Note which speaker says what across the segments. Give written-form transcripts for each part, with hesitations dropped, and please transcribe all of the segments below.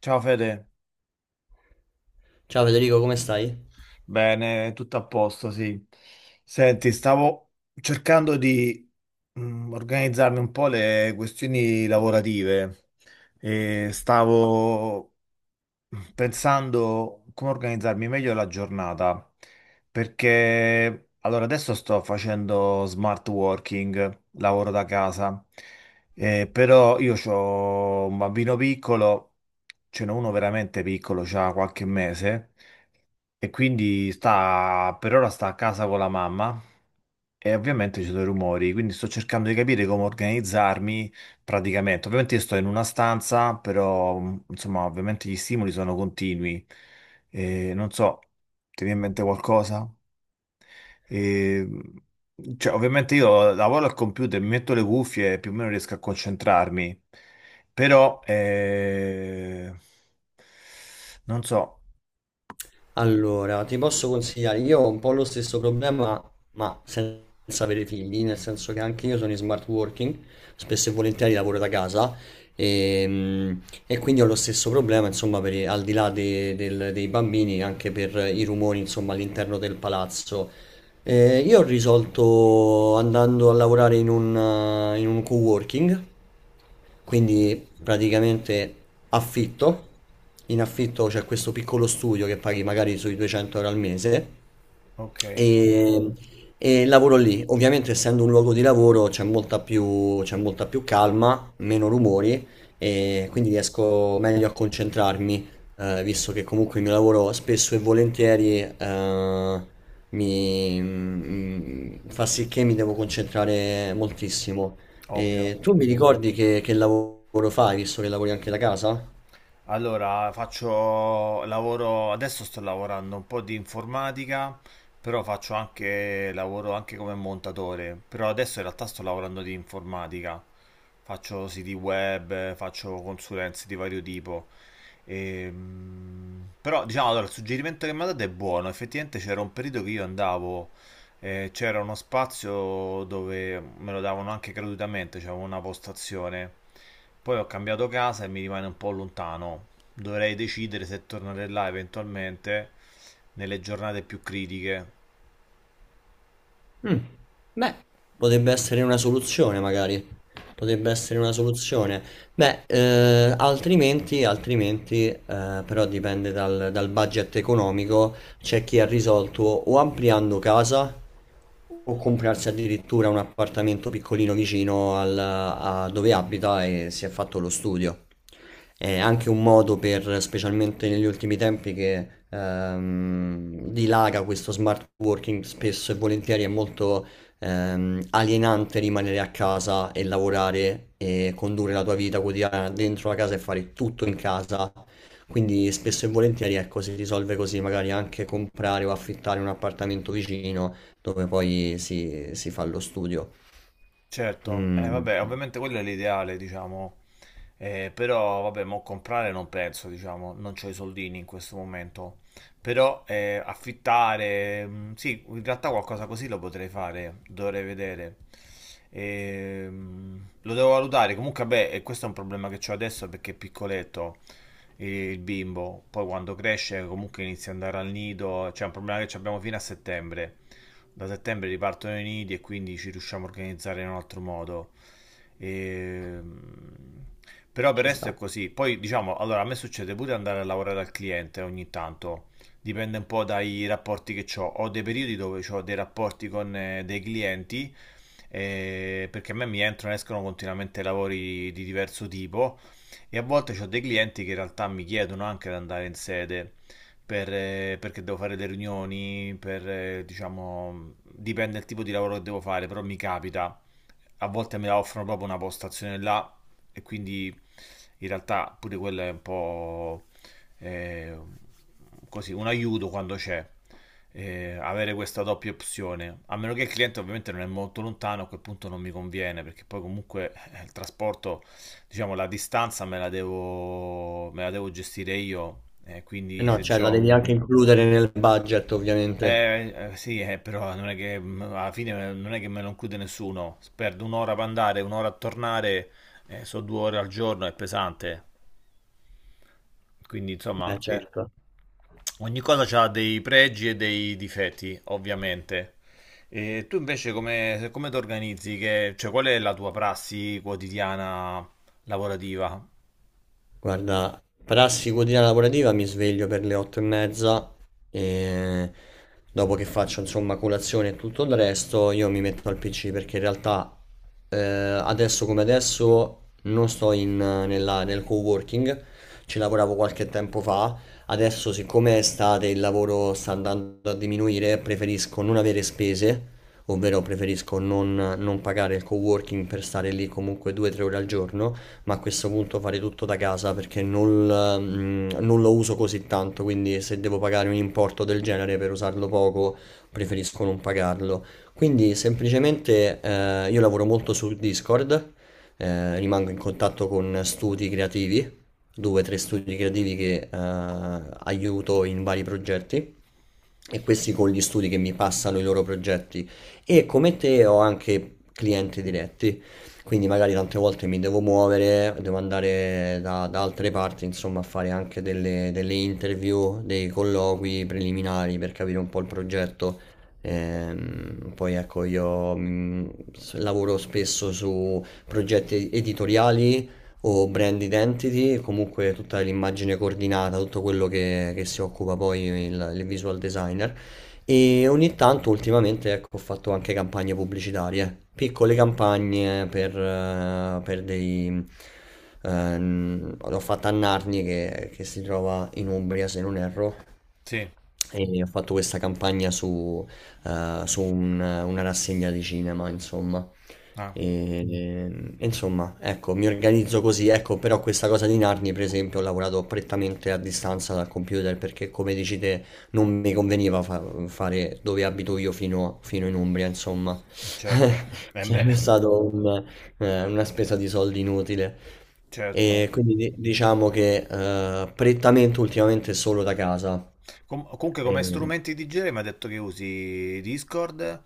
Speaker 1: Ciao Fede,
Speaker 2: Ciao Federico, come stai?
Speaker 1: bene, tutto a posto, sì. Senti, stavo cercando di organizzarmi un po' le questioni lavorative e stavo pensando come organizzarmi meglio la giornata, perché allora adesso sto facendo smart working, lavoro da casa, però io ho un bambino piccolo, ce n'è uno veramente piccolo, c'ha qualche mese, e quindi sta, per ora sta a casa con la mamma e ovviamente ci sono i rumori, quindi sto cercando di capire come organizzarmi. Praticamente, ovviamente io sto in una stanza, però insomma, ovviamente gli stimoli sono continui. E non so, ti viene in mente qualcosa? E, cioè, ovviamente io lavoro al computer, mi metto le cuffie e più o meno riesco a concentrarmi, però non so,
Speaker 2: Allora, ti posso consigliare, io ho un po' lo stesso problema, ma senza avere figli, nel senso che anche io sono in smart working, spesso e volentieri lavoro da casa e, mm, e quindi ho lo stesso problema, insomma, per, i- al di là de- del- dei bambini, anche per i rumori, insomma, all'interno del palazzo. Io ho risolto andando a lavorare in un co-working. Quindi praticamente affitto, in affitto c'è questo piccolo studio che paghi magari sui 200 euro al mese
Speaker 1: ok,
Speaker 2: e, e lavoro lì. Ovviamente, essendo un luogo di lavoro, c'è molta più calma, meno rumori, e quindi riesco meglio a concentrarmi, visto che comunque il mio lavoro spesso e volentieri, fa sì che mi devo concentrare moltissimo.
Speaker 1: ovvio.
Speaker 2: E tu mi ricordi che lavoro fai, visto che lavori anche da casa?
Speaker 1: Allora, faccio lavoro, adesso sto lavorando un po' di informatica, però faccio anche lavoro anche come montatore, però adesso in realtà sto lavorando di informatica. Faccio siti web, faccio consulenze di vario tipo. Però diciamo, allora, il suggerimento che mi ha dato è buono, effettivamente c'era un periodo che io andavo c'era uno spazio dove me lo davano anche gratuitamente, c'era una postazione. Poi ho cambiato casa e mi rimane un po' lontano. Dovrei decidere se tornare là eventualmente nelle giornate più critiche.
Speaker 2: Mm. Beh, potrebbe essere una soluzione, magari. Potrebbe essere una soluzione. Beh, altrimenti però dipende dal, dal budget economico. C'è chi ha risolto o ampliando casa o comprarsi addirittura un appartamento piccolino a dove abita e si è fatto lo studio. È anche un modo per, specialmente negli ultimi tempi, che dilaga questo smart working, spesso e volentieri è molto alienante rimanere a casa e lavorare e condurre la tua vita quotidiana dentro la casa e fare tutto in casa. Quindi spesso e volentieri ecco, si risolve così, magari anche comprare o affittare un appartamento vicino dove poi si fa lo studio.
Speaker 1: Certo,
Speaker 2: Mm,
Speaker 1: vabbè, ovviamente quello è l'ideale, diciamo. Però vabbè, mo comprare non penso, diciamo, non ho i soldini in questo momento. Però affittare, sì, in realtà qualcosa così lo potrei fare, dovrei vedere. Lo devo valutare. Comunque, beh, e questo è un problema che ho adesso perché è piccoletto il bimbo. Poi quando cresce, comunque inizia ad andare al nido. C'è un problema che abbiamo fino a settembre. Da settembre ripartono i nidi e quindi ci riusciamo a organizzare in un altro modo. E, però per
Speaker 2: ci
Speaker 1: il resto è
Speaker 2: sta.
Speaker 1: così. Poi diciamo, allora a me succede pure andare a lavorare al cliente ogni tanto. Dipende un po' dai rapporti che ho. Ho dei periodi dove ho dei rapporti con dei clienti, perché a me mi entrano e escono continuamente lavori di diverso tipo e a volte ho dei clienti che in realtà mi chiedono anche di andare in sede per, perché devo fare delle riunioni, per, diciamo, dipende dal tipo di lavoro che devo fare, però mi capita a volte me la offrono proprio una postazione là e quindi in realtà pure quello è un po' eh, così, un aiuto quando c'è. Eh, avere questa doppia opzione a meno che il cliente ovviamente non è molto lontano a quel punto non mi conviene perché poi comunque il trasporto diciamo la distanza me la devo gestire io
Speaker 2: Eh
Speaker 1: quindi
Speaker 2: no,
Speaker 1: se
Speaker 2: cioè la
Speaker 1: ho
Speaker 2: devi anche includere nel budget ovviamente.
Speaker 1: sì, però non è che alla fine non è che me lo include nessuno. Perdo un'ora per andare, un'ora a tornare, sono due ore al giorno, è pesante. Quindi,
Speaker 2: Eh
Speaker 1: insomma,
Speaker 2: certo.
Speaker 1: ogni cosa ha dei pregi e dei difetti, ovviamente. E tu invece come, come ti organizzi? Cioè, qual è la tua prassi quotidiana lavorativa?
Speaker 2: Guarda, prassi quotidiana lavorativa mi sveglio per le otto e mezza e dopo che faccio insomma colazione e tutto il resto io mi metto al PC perché in realtà adesso come adesso non sto in, nella- nel co-working, ci lavoravo qualche tempo fa, adesso siccome è estate e il lavoro sta andando a diminuire preferisco non avere spese, ovvero preferisco non, non pagare il co-working per stare lì comunque due o tre ore al giorno ma a questo punto fare tutto da casa perché non lo uso così tanto, quindi se devo pagare un importo del genere per usarlo poco, preferisco non pagarlo. Quindi semplicemente io lavoro molto su Discord, rimango in contatto con studi creativi, due o tre studi creativi che aiuto in vari progetti e questi con gli studi che mi passano i loro progetti. E come te ho anche clienti diretti, quindi magari tante volte mi devo muovere, devo andare da altre parti, insomma, a fare anche delle interview, dei colloqui preliminari per capire un po' il progetto. Poi ecco, io lavoro spesso su progetti editoriali o brand identity, comunque tutta l'immagine coordinata, tutto quello che si occupa poi il visual designer. E ogni tanto, ultimamente, ecco, ho fatto anche campagne pubblicitarie, piccole campagne per dei... l'ho fatta a Narni che si trova in Umbria, se non erro,
Speaker 1: Sì,
Speaker 2: e ho fatto questa campagna su una rassegna di cinema, insomma.
Speaker 1: ah,
Speaker 2: E, e insomma, ecco, mi organizzo così, ecco, però questa cosa di Narni, per esempio, ho lavorato prettamente a distanza dal computer perché, come dici te, non mi conveniva fa- fare dove abito io fino in Umbria, insomma.
Speaker 1: certo. Eh beh,
Speaker 2: Sarebbe stato una spesa di soldi inutile.
Speaker 1: certo.
Speaker 2: E quindi diciamo che prettamente ultimamente solo da casa.
Speaker 1: Comunque come
Speaker 2: Eh,
Speaker 1: strumenti di genere mi ha detto che usi Discord,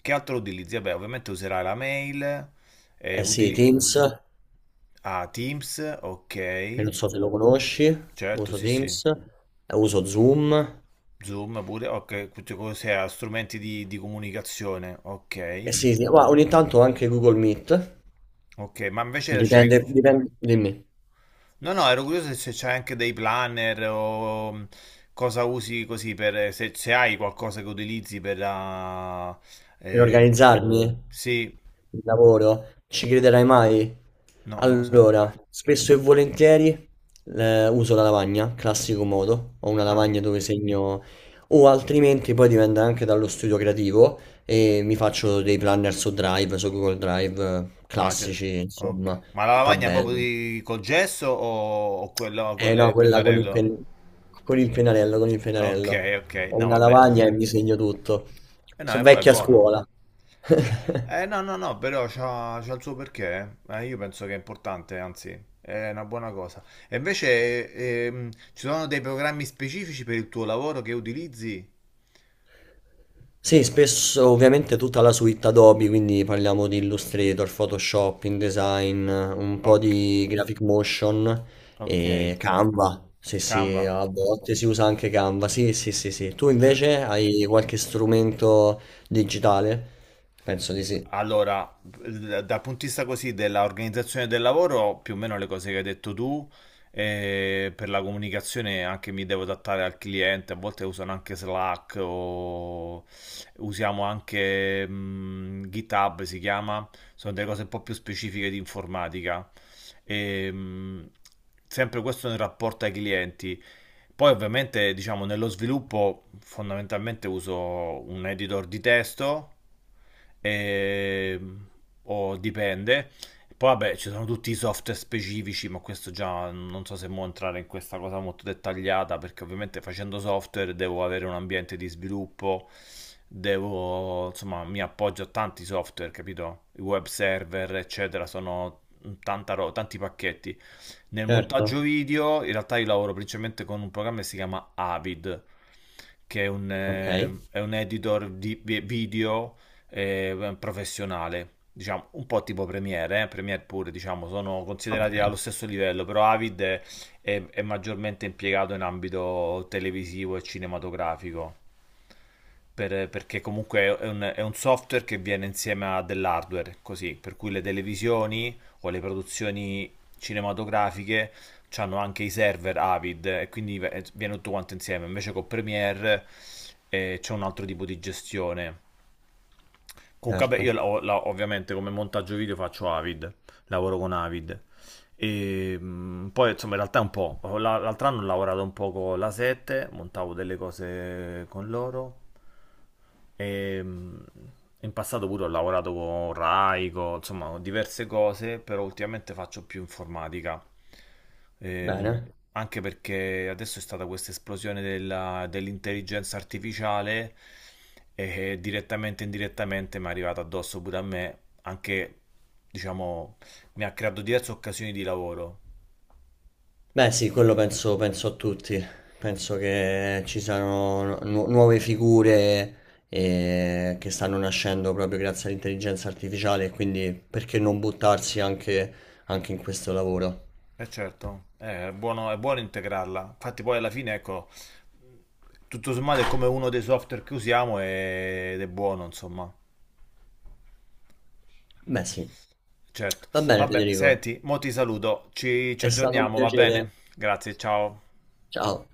Speaker 1: che altro utilizzi? Vabbè, ovviamente userai la mail, eh,
Speaker 2: sì,
Speaker 1: utili-
Speaker 2: Teams,
Speaker 1: ah, Teams, ok,
Speaker 2: che non so se lo conosci,
Speaker 1: certo,
Speaker 2: uso
Speaker 1: sì, sì,
Speaker 2: Teams, uso Zoom.
Speaker 1: Zoom pure, ok, tutte cose, ah, strumenti di comunicazione,
Speaker 2: Eh
Speaker 1: ok,
Speaker 2: sì, sì, ma ogni tanto anche Google Meet.
Speaker 1: ok, ma invece
Speaker 2: Dipende,
Speaker 1: c'hai...
Speaker 2: dipende, dimmi.
Speaker 1: No, no, ero curioso se c'hai anche dei planner o cosa usi così per... se, se hai qualcosa che utilizzi per... ah,
Speaker 2: Per
Speaker 1: eh, di-
Speaker 2: organizzarmi
Speaker 1: sì,
Speaker 2: il lavoro? Ci crederai mai?
Speaker 1: no, non lo so.
Speaker 2: Allora, spesso e volentieri uso la lavagna, classico modo. Ho una
Speaker 1: Ah.
Speaker 2: lavagna dove segno, o altrimenti poi dipende anche dallo studio creativo e mi faccio dei planner su Drive, su Google Drive,
Speaker 1: Ah, cioè,
Speaker 2: classici, insomma,
Speaker 1: ok. Ma la lavagna proprio
Speaker 2: tabelle.
Speaker 1: col gesso o quello con
Speaker 2: Eh no,
Speaker 1: le
Speaker 2: quella con il
Speaker 1: pennarello?
Speaker 2: pen- con il pennarello, con il
Speaker 1: Ok,
Speaker 2: pennarello.
Speaker 1: ok.
Speaker 2: Ho
Speaker 1: No,
Speaker 2: una
Speaker 1: vabbè.
Speaker 2: lavagna e mi segno tutto.
Speaker 1: Eh no, è
Speaker 2: Sono
Speaker 1: è
Speaker 2: vecchia
Speaker 1: buono.
Speaker 2: scuola.
Speaker 1: Eh no, no, no, però c'ha, c'ha il suo perché. Eh. Io penso che è importante, anzi, è una buona cosa. E invece, ci sono dei programmi specifici per il tuo lavoro che utilizzi?
Speaker 2: Sì, spesso ovviamente tutta la suite Adobe, quindi parliamo di Illustrator, Photoshop, InDesign, un po'
Speaker 1: Ok,
Speaker 2: di Graphic Motion
Speaker 1: ok.
Speaker 2: e Canva. Sì, sì,
Speaker 1: Canva.
Speaker 2: a volte si usa anche Canva. Sì, sì, sì, sì. Tu
Speaker 1: Cioè.
Speaker 2: invece hai qualche strumento digitale? Penso di sì.
Speaker 1: Allora, dal punto di vista così dell'organizzazione del lavoro, più o meno le cose che hai detto tu, per la comunicazione anche mi devo adattare al cliente, a volte usano anche Slack o usiamo anche GitHub, si chiama, sono delle cose un po' più specifiche di informatica. E, mh, sempre questo nel rapporto ai clienti. Poi ovviamente, diciamo, nello sviluppo fondamentalmente uso un editor di testo. Ehm, o dipende. Poi vabbè, ci sono tutti i software specifici, ma questo già non so se mo entrare in questa cosa molto dettagliata, perché ovviamente facendo software devo avere un ambiente di sviluppo, devo, insomma, mi appoggio a tanti software, capito? I web server, eccetera, sono tanti pacchetti. Nel
Speaker 2: Certo.
Speaker 1: montaggio video, in realtà io lavoro principalmente con un programma che si chiama Avid, che
Speaker 2: Ok.
Speaker 1: è un editor di video professionale, diciamo un po' tipo Premiere, Premiere pure, diciamo, sono
Speaker 2: Ok.
Speaker 1: considerati allo stesso livello, però Avid è, è maggiormente impiegato in ambito televisivo e cinematografico perché comunque è un software che viene insieme a dell'hardware, così, per cui le televisioni o le produzioni cinematografiche hanno anche i server Avid e quindi viene tutto quanto insieme. Invece con Premiere c'è un altro tipo di gestione. Comunque, vabbè,
Speaker 2: Certo.
Speaker 1: io ovviamente come montaggio video faccio Avid, lavoro con Avid. E poi insomma in realtà è un po', l'altro anno ho lavorato un po' con la 7, montavo delle cose con loro e in passato pure ho lavorato con Rai, insomma con diverse cose, però ultimamente faccio più informatica. Ehm,
Speaker 2: Bene.
Speaker 1: anche perché adesso è stata questa esplosione dell'intelligenza artificiale e direttamente e indirettamente mi è arrivata addosso pure a me anche, diciamo, mi ha creato diverse occasioni di lavoro.
Speaker 2: Beh, sì, quello penso, penso a tutti. Penso che ci siano nuove figure che stanno nascendo proprio grazie all'intelligenza artificiale, quindi perché non buttarsi anche in questo lavoro?
Speaker 1: E certo, è buono integrarla. Infatti poi alla fine, ecco, tutto sommato è come uno dei software che usiamo ed è buono, insomma.
Speaker 2: Beh, sì.
Speaker 1: Certo.
Speaker 2: Va bene,
Speaker 1: Vabbè,
Speaker 2: Federico.
Speaker 1: senti, mo ti saluto, ci, ci
Speaker 2: È stato un
Speaker 1: aggiorniamo, va
Speaker 2: piacere.
Speaker 1: bene? Grazie, ciao.
Speaker 2: Ciao.